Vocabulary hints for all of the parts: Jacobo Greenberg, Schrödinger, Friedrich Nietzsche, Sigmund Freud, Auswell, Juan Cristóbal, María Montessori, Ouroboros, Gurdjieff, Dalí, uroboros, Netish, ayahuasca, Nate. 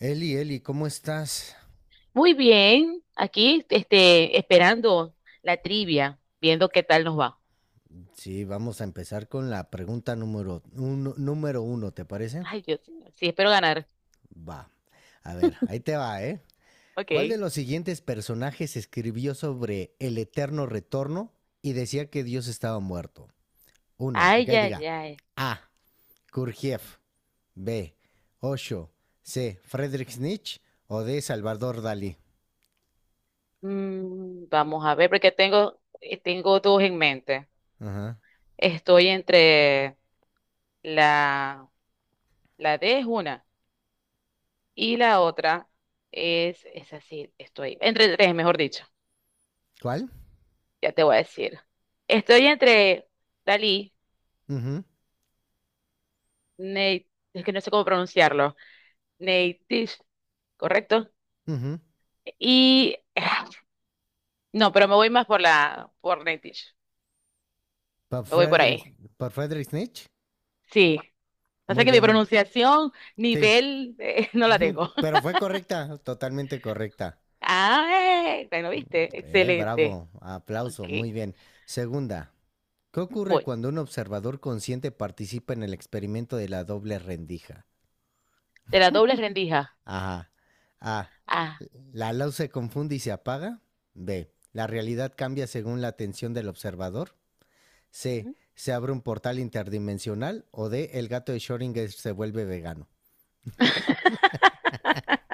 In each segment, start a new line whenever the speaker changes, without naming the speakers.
Eli, Eli, ¿cómo estás?
Muy bien, aquí esperando la trivia, viendo qué tal nos va.
Sí, vamos a empezar con la pregunta número uno, ¿te parece?
Ay, Dios mío, sí, espero ganar.
Va. A ver, ahí te va, ¿eh? ¿Cuál de
Ok.
los siguientes personajes escribió sobre el eterno retorno y decía que Dios estaba muerto? Uno,
Ay,
que
ay,
diga
ay.
A. Kurgiev, B. Osho, C. Friedrich Nietzsche o D. Salvador Dalí.
Mm, vamos a ver, porque tengo, tengo dos en mente.
Ajá.
Estoy entre la, la D es una y la otra es así, estoy entre tres, mejor dicho,
¿Cuál?
ya te voy a decir. Estoy entre Dalí,
Ujú,
Nate, es que no sé cómo pronunciarlo, Nate, ¿correcto?
ujú.
Y no, pero me voy más por la por Netish.
¿Por
Me voy por
Friedrich,
ahí.
por Friedrich Nietzsche?
Sí. Pasa
Muy
que mi
bien.
pronunciación,
Sí,
nivel, no la tengo.
pero fue correcta, totalmente correcta.
Ah, bueno, viste. Excelente.
Bravo,
Ok,
aplauso, muy bien. Segunda, ¿qué ocurre
voy.
cuando un observador consciente participa en el experimento de la doble rendija?
De la doble rendija.
Ajá. A.
Ah.
La luz se confunde y se apaga. B. La realidad cambia según la atención del observador. C. Se abre un portal interdimensional. O D. El gato de Schrödinger se vuelve vegano.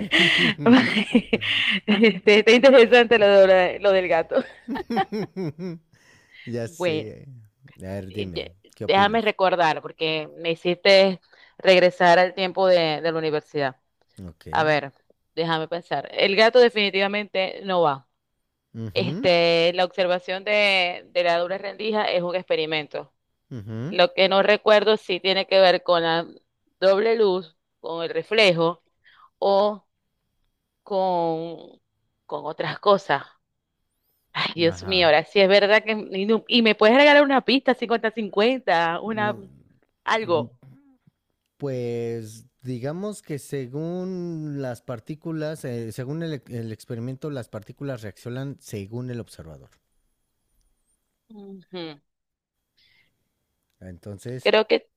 Este, está interesante lo del gato.
Ya
Bueno,
sé. A ver,
eh,
dime,
ye-
¿qué
déjame
opinas?
recordar porque me hiciste regresar al tiempo de la universidad.
Ok.
A ver, déjame pensar. El gato definitivamente no va.
Ujú,
Este, la observación de la doble rendija es un experimento.
ujú.
Lo que no recuerdo si tiene que ver con la doble luz, con el reflejo o con, con otras cosas. Ay, Dios mío,
Ajá.
ahora sí es verdad que... Y, y me puedes regalar una pista cincuenta-cincuenta, una,
Mm, mm,
algo.
pues digamos que según las partículas, según el experimento, las partículas reaccionan según el observador.
Ujú.
Entonces,
Creo que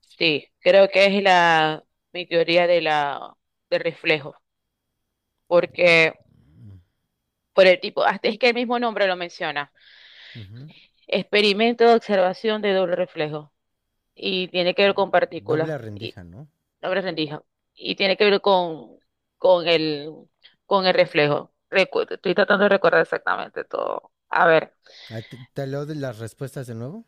sí, creo que es mi teoría de de reflejo, porque hasta es que el mismo nombre lo menciona,
ujú,
experimento de observación de doble reflejo, y tiene que ver con partículas,
doble
y
rendija, ¿no?
doble rendija, y tiene que ver con el, con el reflejo. Estoy tratando de recordar exactamente todo. A ver,
Ah, ¿te, te leo de las respuestas de nuevo?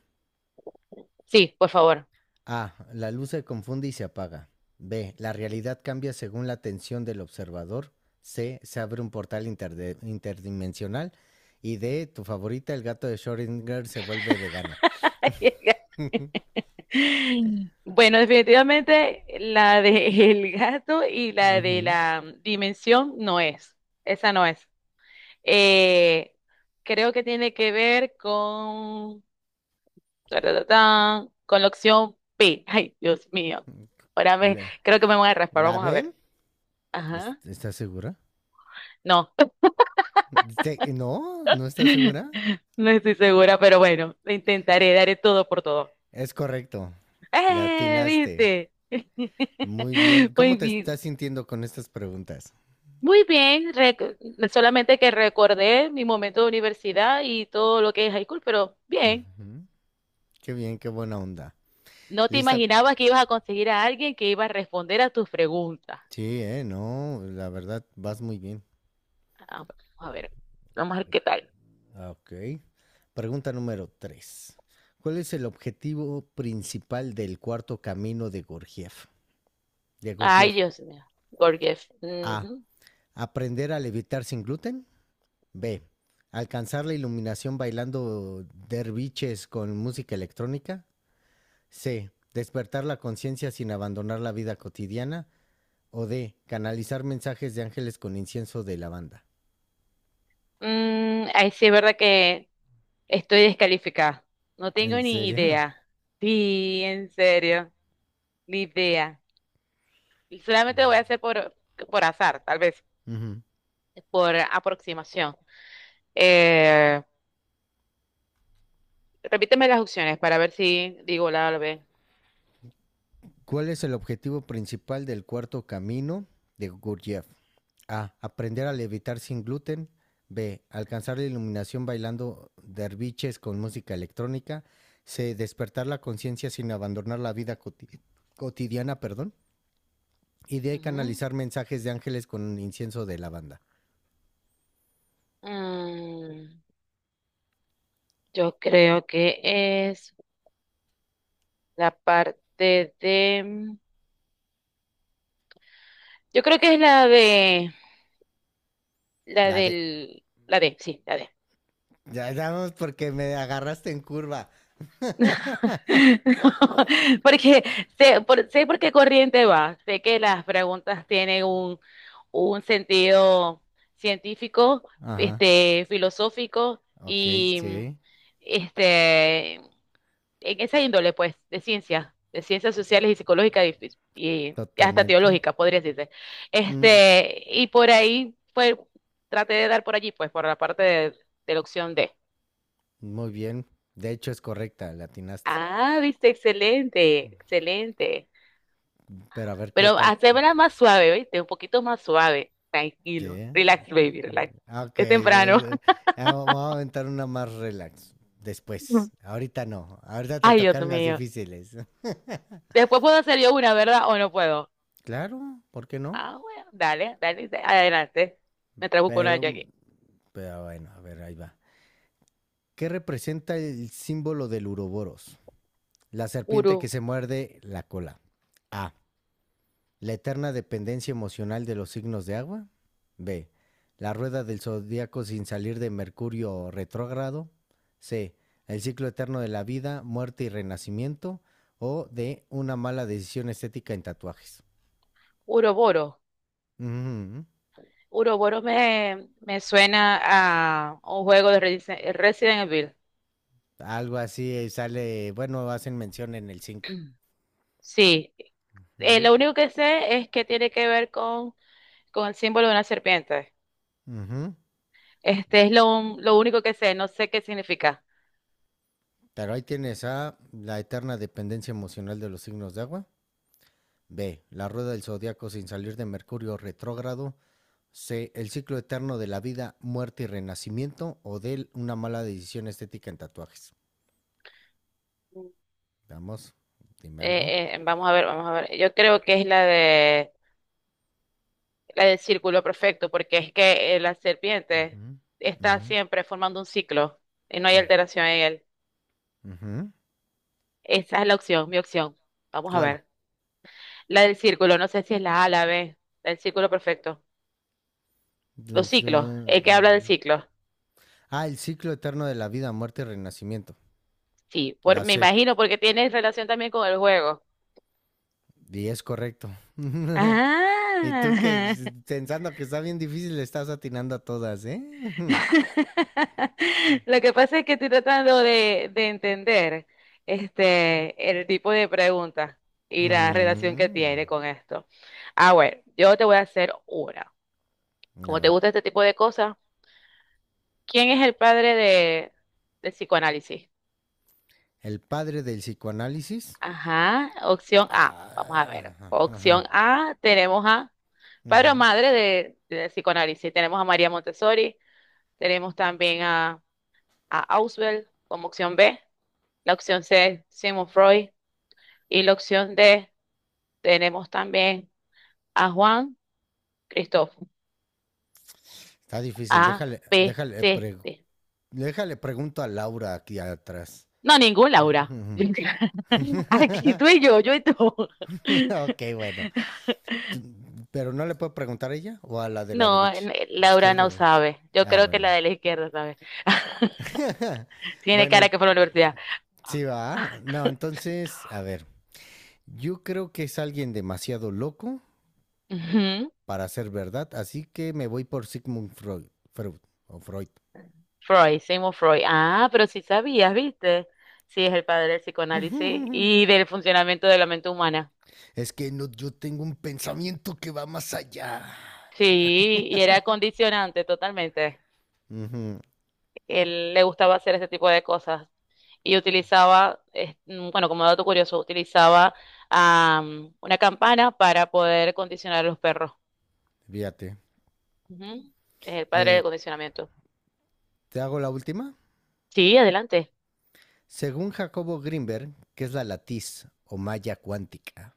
sí, por favor.
A. La luz se confunde y se apaga. B. La realidad cambia según la atención del observador. C. Se abre un portal interdimensional. Y D. Tu favorita, el gato de Schrödinger, se vuelve vegano.
Bueno, definitivamente la de el gato y la de
Ujú.
la dimensión no es. Esa no es. Eh, creo que tiene que ver taratatán, con la opción P. Ay, Dios mío.
la,
Creo que me voy a raspar,
la
vamos a
B.
ver. Ajá.
¿Estás segura?
No,
Te- No, no estás segura.
no estoy segura, pero bueno, lo intentaré, daré todo por todo.
Es correcto. La
¡Eh!
atinaste.
¿Viste?
Muy bien. ¿Cómo
Muy
te
bien.
estás sintiendo con estas preguntas?
Muy bien, solamente que recordé mi momento de universidad y todo lo que es high school, pero bien,
Ujú. Qué bien, qué buena onda.
no te
¿Lista?
imaginabas que ibas a conseguir a alguien que iba a responder a tus preguntas.
Sí, no, la verdad, vas muy bien.
Ah, bueno, a ver, vamos a ver qué tal.
Ah, ok. Pregunta número 3. ¿Cuál es el objetivo principal del cuarto camino de Gurdjieff? De
Ay,
Gurdjieff.
Dios mío. Gorgeous.
A.
Ujú.
Aprender a levitar sin gluten. B. Alcanzar la iluminación bailando derviches con música electrónica. C. Despertar la conciencia sin abandonar la vida cotidiana. O D. Canalizar mensajes de ángeles con incienso de lavanda.
Mm, ay, sí, es verdad que estoy descalificada. No tengo
¿En
ni
serio?
idea. Sí, en serio, ni idea. Y solamente lo voy a hacer por azar, tal vez,
Ujú.
por aproximación. Eh, repíteme las opciones para ver si digo la A o la B.
¿Cuál es el objetivo principal del cuarto camino de Gurdjieff? A. Aprender a levitar sin gluten. B. Alcanzar la iluminación bailando derviches con música electrónica. C. Despertar la conciencia sin abandonar la cotidiana, perdón. Y D.
Ujú.
Canalizar mensajes de ángeles con un incienso de lavanda.
Mm, yo creo que es la parte de... Yo creo que es la de...
La de...
la D, sí, la D.
Ya damos porque me agarraste en curva.
Porque sé por qué corriente va, sé que las preguntas tienen un sentido científico,
Ajá.
este, filosófico
Ok,
y
sí.
este, en esa índole, pues, de ciencia, de ciencias sociales y psicológicas y, y hasta
Totalmente.
teológica, podría decirse.
Mm,
Este, y por ahí fue, traté de dar por allí, pues, por la parte de la opción D.
muy bien. De hecho, es correcta, la atinaste.
Ah, viste, excelente, excelente.
Pero a ver qué
Pero
tal.
hacémela más suave, ¿viste? Un poquito más suave. Tranquilo.
Sí.
Relax, baby, relax.
Ah, ok,
Es temprano.
eh, vamos a aventar una más relax. Después. Ahorita no. Ahorita te
Ay, Dios
tocaron las
mío.
difíciles.
Después puedo hacer yo una, ¿verdad? ¿O no puedo?
Claro, ¿por qué no?
Ah, bueno, dale, dale, adelante. Me busco una yo
Pero,
aquí.
pero bueno, a ver, ahí va. ¿Qué representa el símbolo del uroboros? La serpiente que
Uru,
se muerde la cola. A. La eterna dependencia emocional de los signos de agua. B. La rueda del zodiaco sin salir de Mercurio retrógrado. C. El ciclo eterno de la vida, muerte y renacimiento. O D. Una mala decisión estética en tatuajes.
Uroboro.
Ujú.
Me suena a un juego de Resident Evil.
Algo así sale, bueno, hacen mención en el 5.
Sí, lo único que sé es que tiene que ver con el símbolo de una serpiente.
Ujú.
Este es lo único que sé, no sé qué significa.
Pero ahí tienes A, la eterna dependencia emocional de los signos de agua. B, la rueda del zodiaco sin salir de Mercurio retrógrado. C. El ciclo eterno de la vida, muerte y renacimiento. O D. Una mala decisión estética en tatuajes. Vamos, dime algo.
Vamos a ver, vamos a ver. Yo creo que es la de la del círculo perfecto, porque es que la serpiente
Ujú,
está
ujú,
siempre formando un ciclo y no hay
mm,
alteración en él.
ujú.
Esa es mi opción. Vamos a
¿Cuál?
ver. La del círculo, no sé si es la A, la B, la del círculo perfecto. ¿Los
Dice,
ciclos, el que habla del
mm,
ciclo?
ah, el ciclo eterno de la vida, muerte y renacimiento.
Sí, por,
La
me
C.
imagino porque tiene relación también con el juego.
Y es correcto. Y tú que
Ah,
pensando que está bien difícil, le estás atinando a todas, ¿eh?
Lo que pasa es que estoy tratando de entender este, el tipo de pregunta y la relación que tiene
Mm,
con esto. Ah, bueno, yo te voy a hacer una.
a
Como te
ver.
gusta este tipo de cosas, ¿quién es el padre del psicoanálisis?
El padre del psicoanálisis.
Ajá, opción A. Vamos a
Ah,
ver.
ajá, ajá.
Opción A, tenemos a padre o
Ujú.
madre de psicoanálisis. Tenemos a María Montessori, tenemos también a Auswell como opción B. La opción C, Sigmund Freud. Y la opción D, tenemos también a Juan Cristóbal.
Está difícil.
A,
Déjale,
B,
déjale,
C,
pre-
D.
déjale pregunto a Laura aquí atrás.
No, ningún Laura.
Ujú.
Aquí tú y yo y tú.
Ok, bueno. Tú- Pero no le puedo preguntar a ella o a la de la
No,
derecha.
n- Laura
Izquierda o
no
derecha.
sabe. Yo
Ah,
creo que la
bueno.
de la izquierda sabe. Tiene
Bueno,
cara
en-
que fue a la universidad.
sí va. No, entonces, a ver. Yo creo que es alguien demasiado loco
Ujú.
para ser verdad, así que me voy por Sigmund Freud. Freud o Freud.
Freud, Sigmund Freud. Ah, pero sí sabías, ¿viste? Sí, es el padre del psicoanálisis y del funcionamiento de la mente humana.
Es que no, yo tengo un pensamiento que va más allá.
Sí, y era condicionante totalmente.
Ujú,
Él le gustaba hacer ese tipo de cosas y utilizaba, bueno, como dato curioso, utilizaba una campana para poder condicionar a los perros.
fíjate.
Ujú. Es el padre
Eh,
de condicionamiento.
¿Te hago la última?
Sí, adelante.
Según Jacobo Greenberg, ¿qué es la latiz o malla cuántica?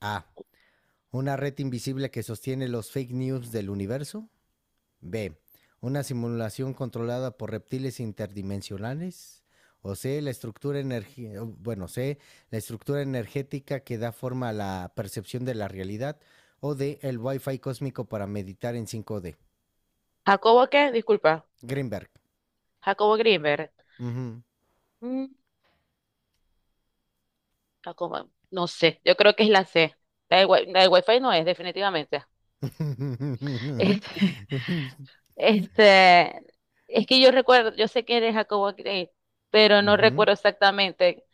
A. Una red invisible que sostiene los fake news del universo. B. Una simulación controlada por reptiles interdimensionales. O C. La estructura C. La estructura energética que da forma a la percepción de la realidad. O D. El Wi-Fi cósmico para meditar en cinco d
¿Jacobo qué? Disculpa.
Greenberg.
Jacobo Greenberg.
Ujú.
Mm, Jacobo, no sé, yo creo que es la C. La del Wi-Fi no es, definitivamente. Este, este, es que yo recuerdo, yo sé que eres Jacobo Greenberg, pero no
Ujú.
recuerdo exactamente.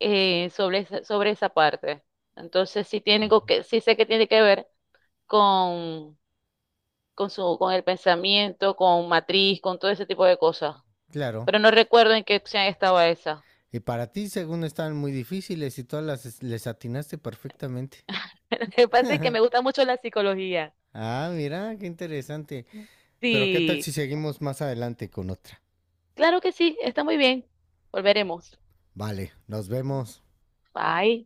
Eh, sobre esa parte. Entonces, sí, sí sé que tiene que ver con, con el pensamiento, con matriz, con todo ese tipo de cosas.
Claro.
Pero no recuerdo en qué opción estaba esa.
Y para ti, según estaban muy difíciles y todas las les atinaste perfectamente.
Lo que pasa es que me gusta mucho la psicología.
Ah, mira, qué interesante. Pero qué tal si
Sí,
seguimos más adelante con otra.
claro que sí, está muy bien. Volveremos.
Vale, nos vemos.
Bye.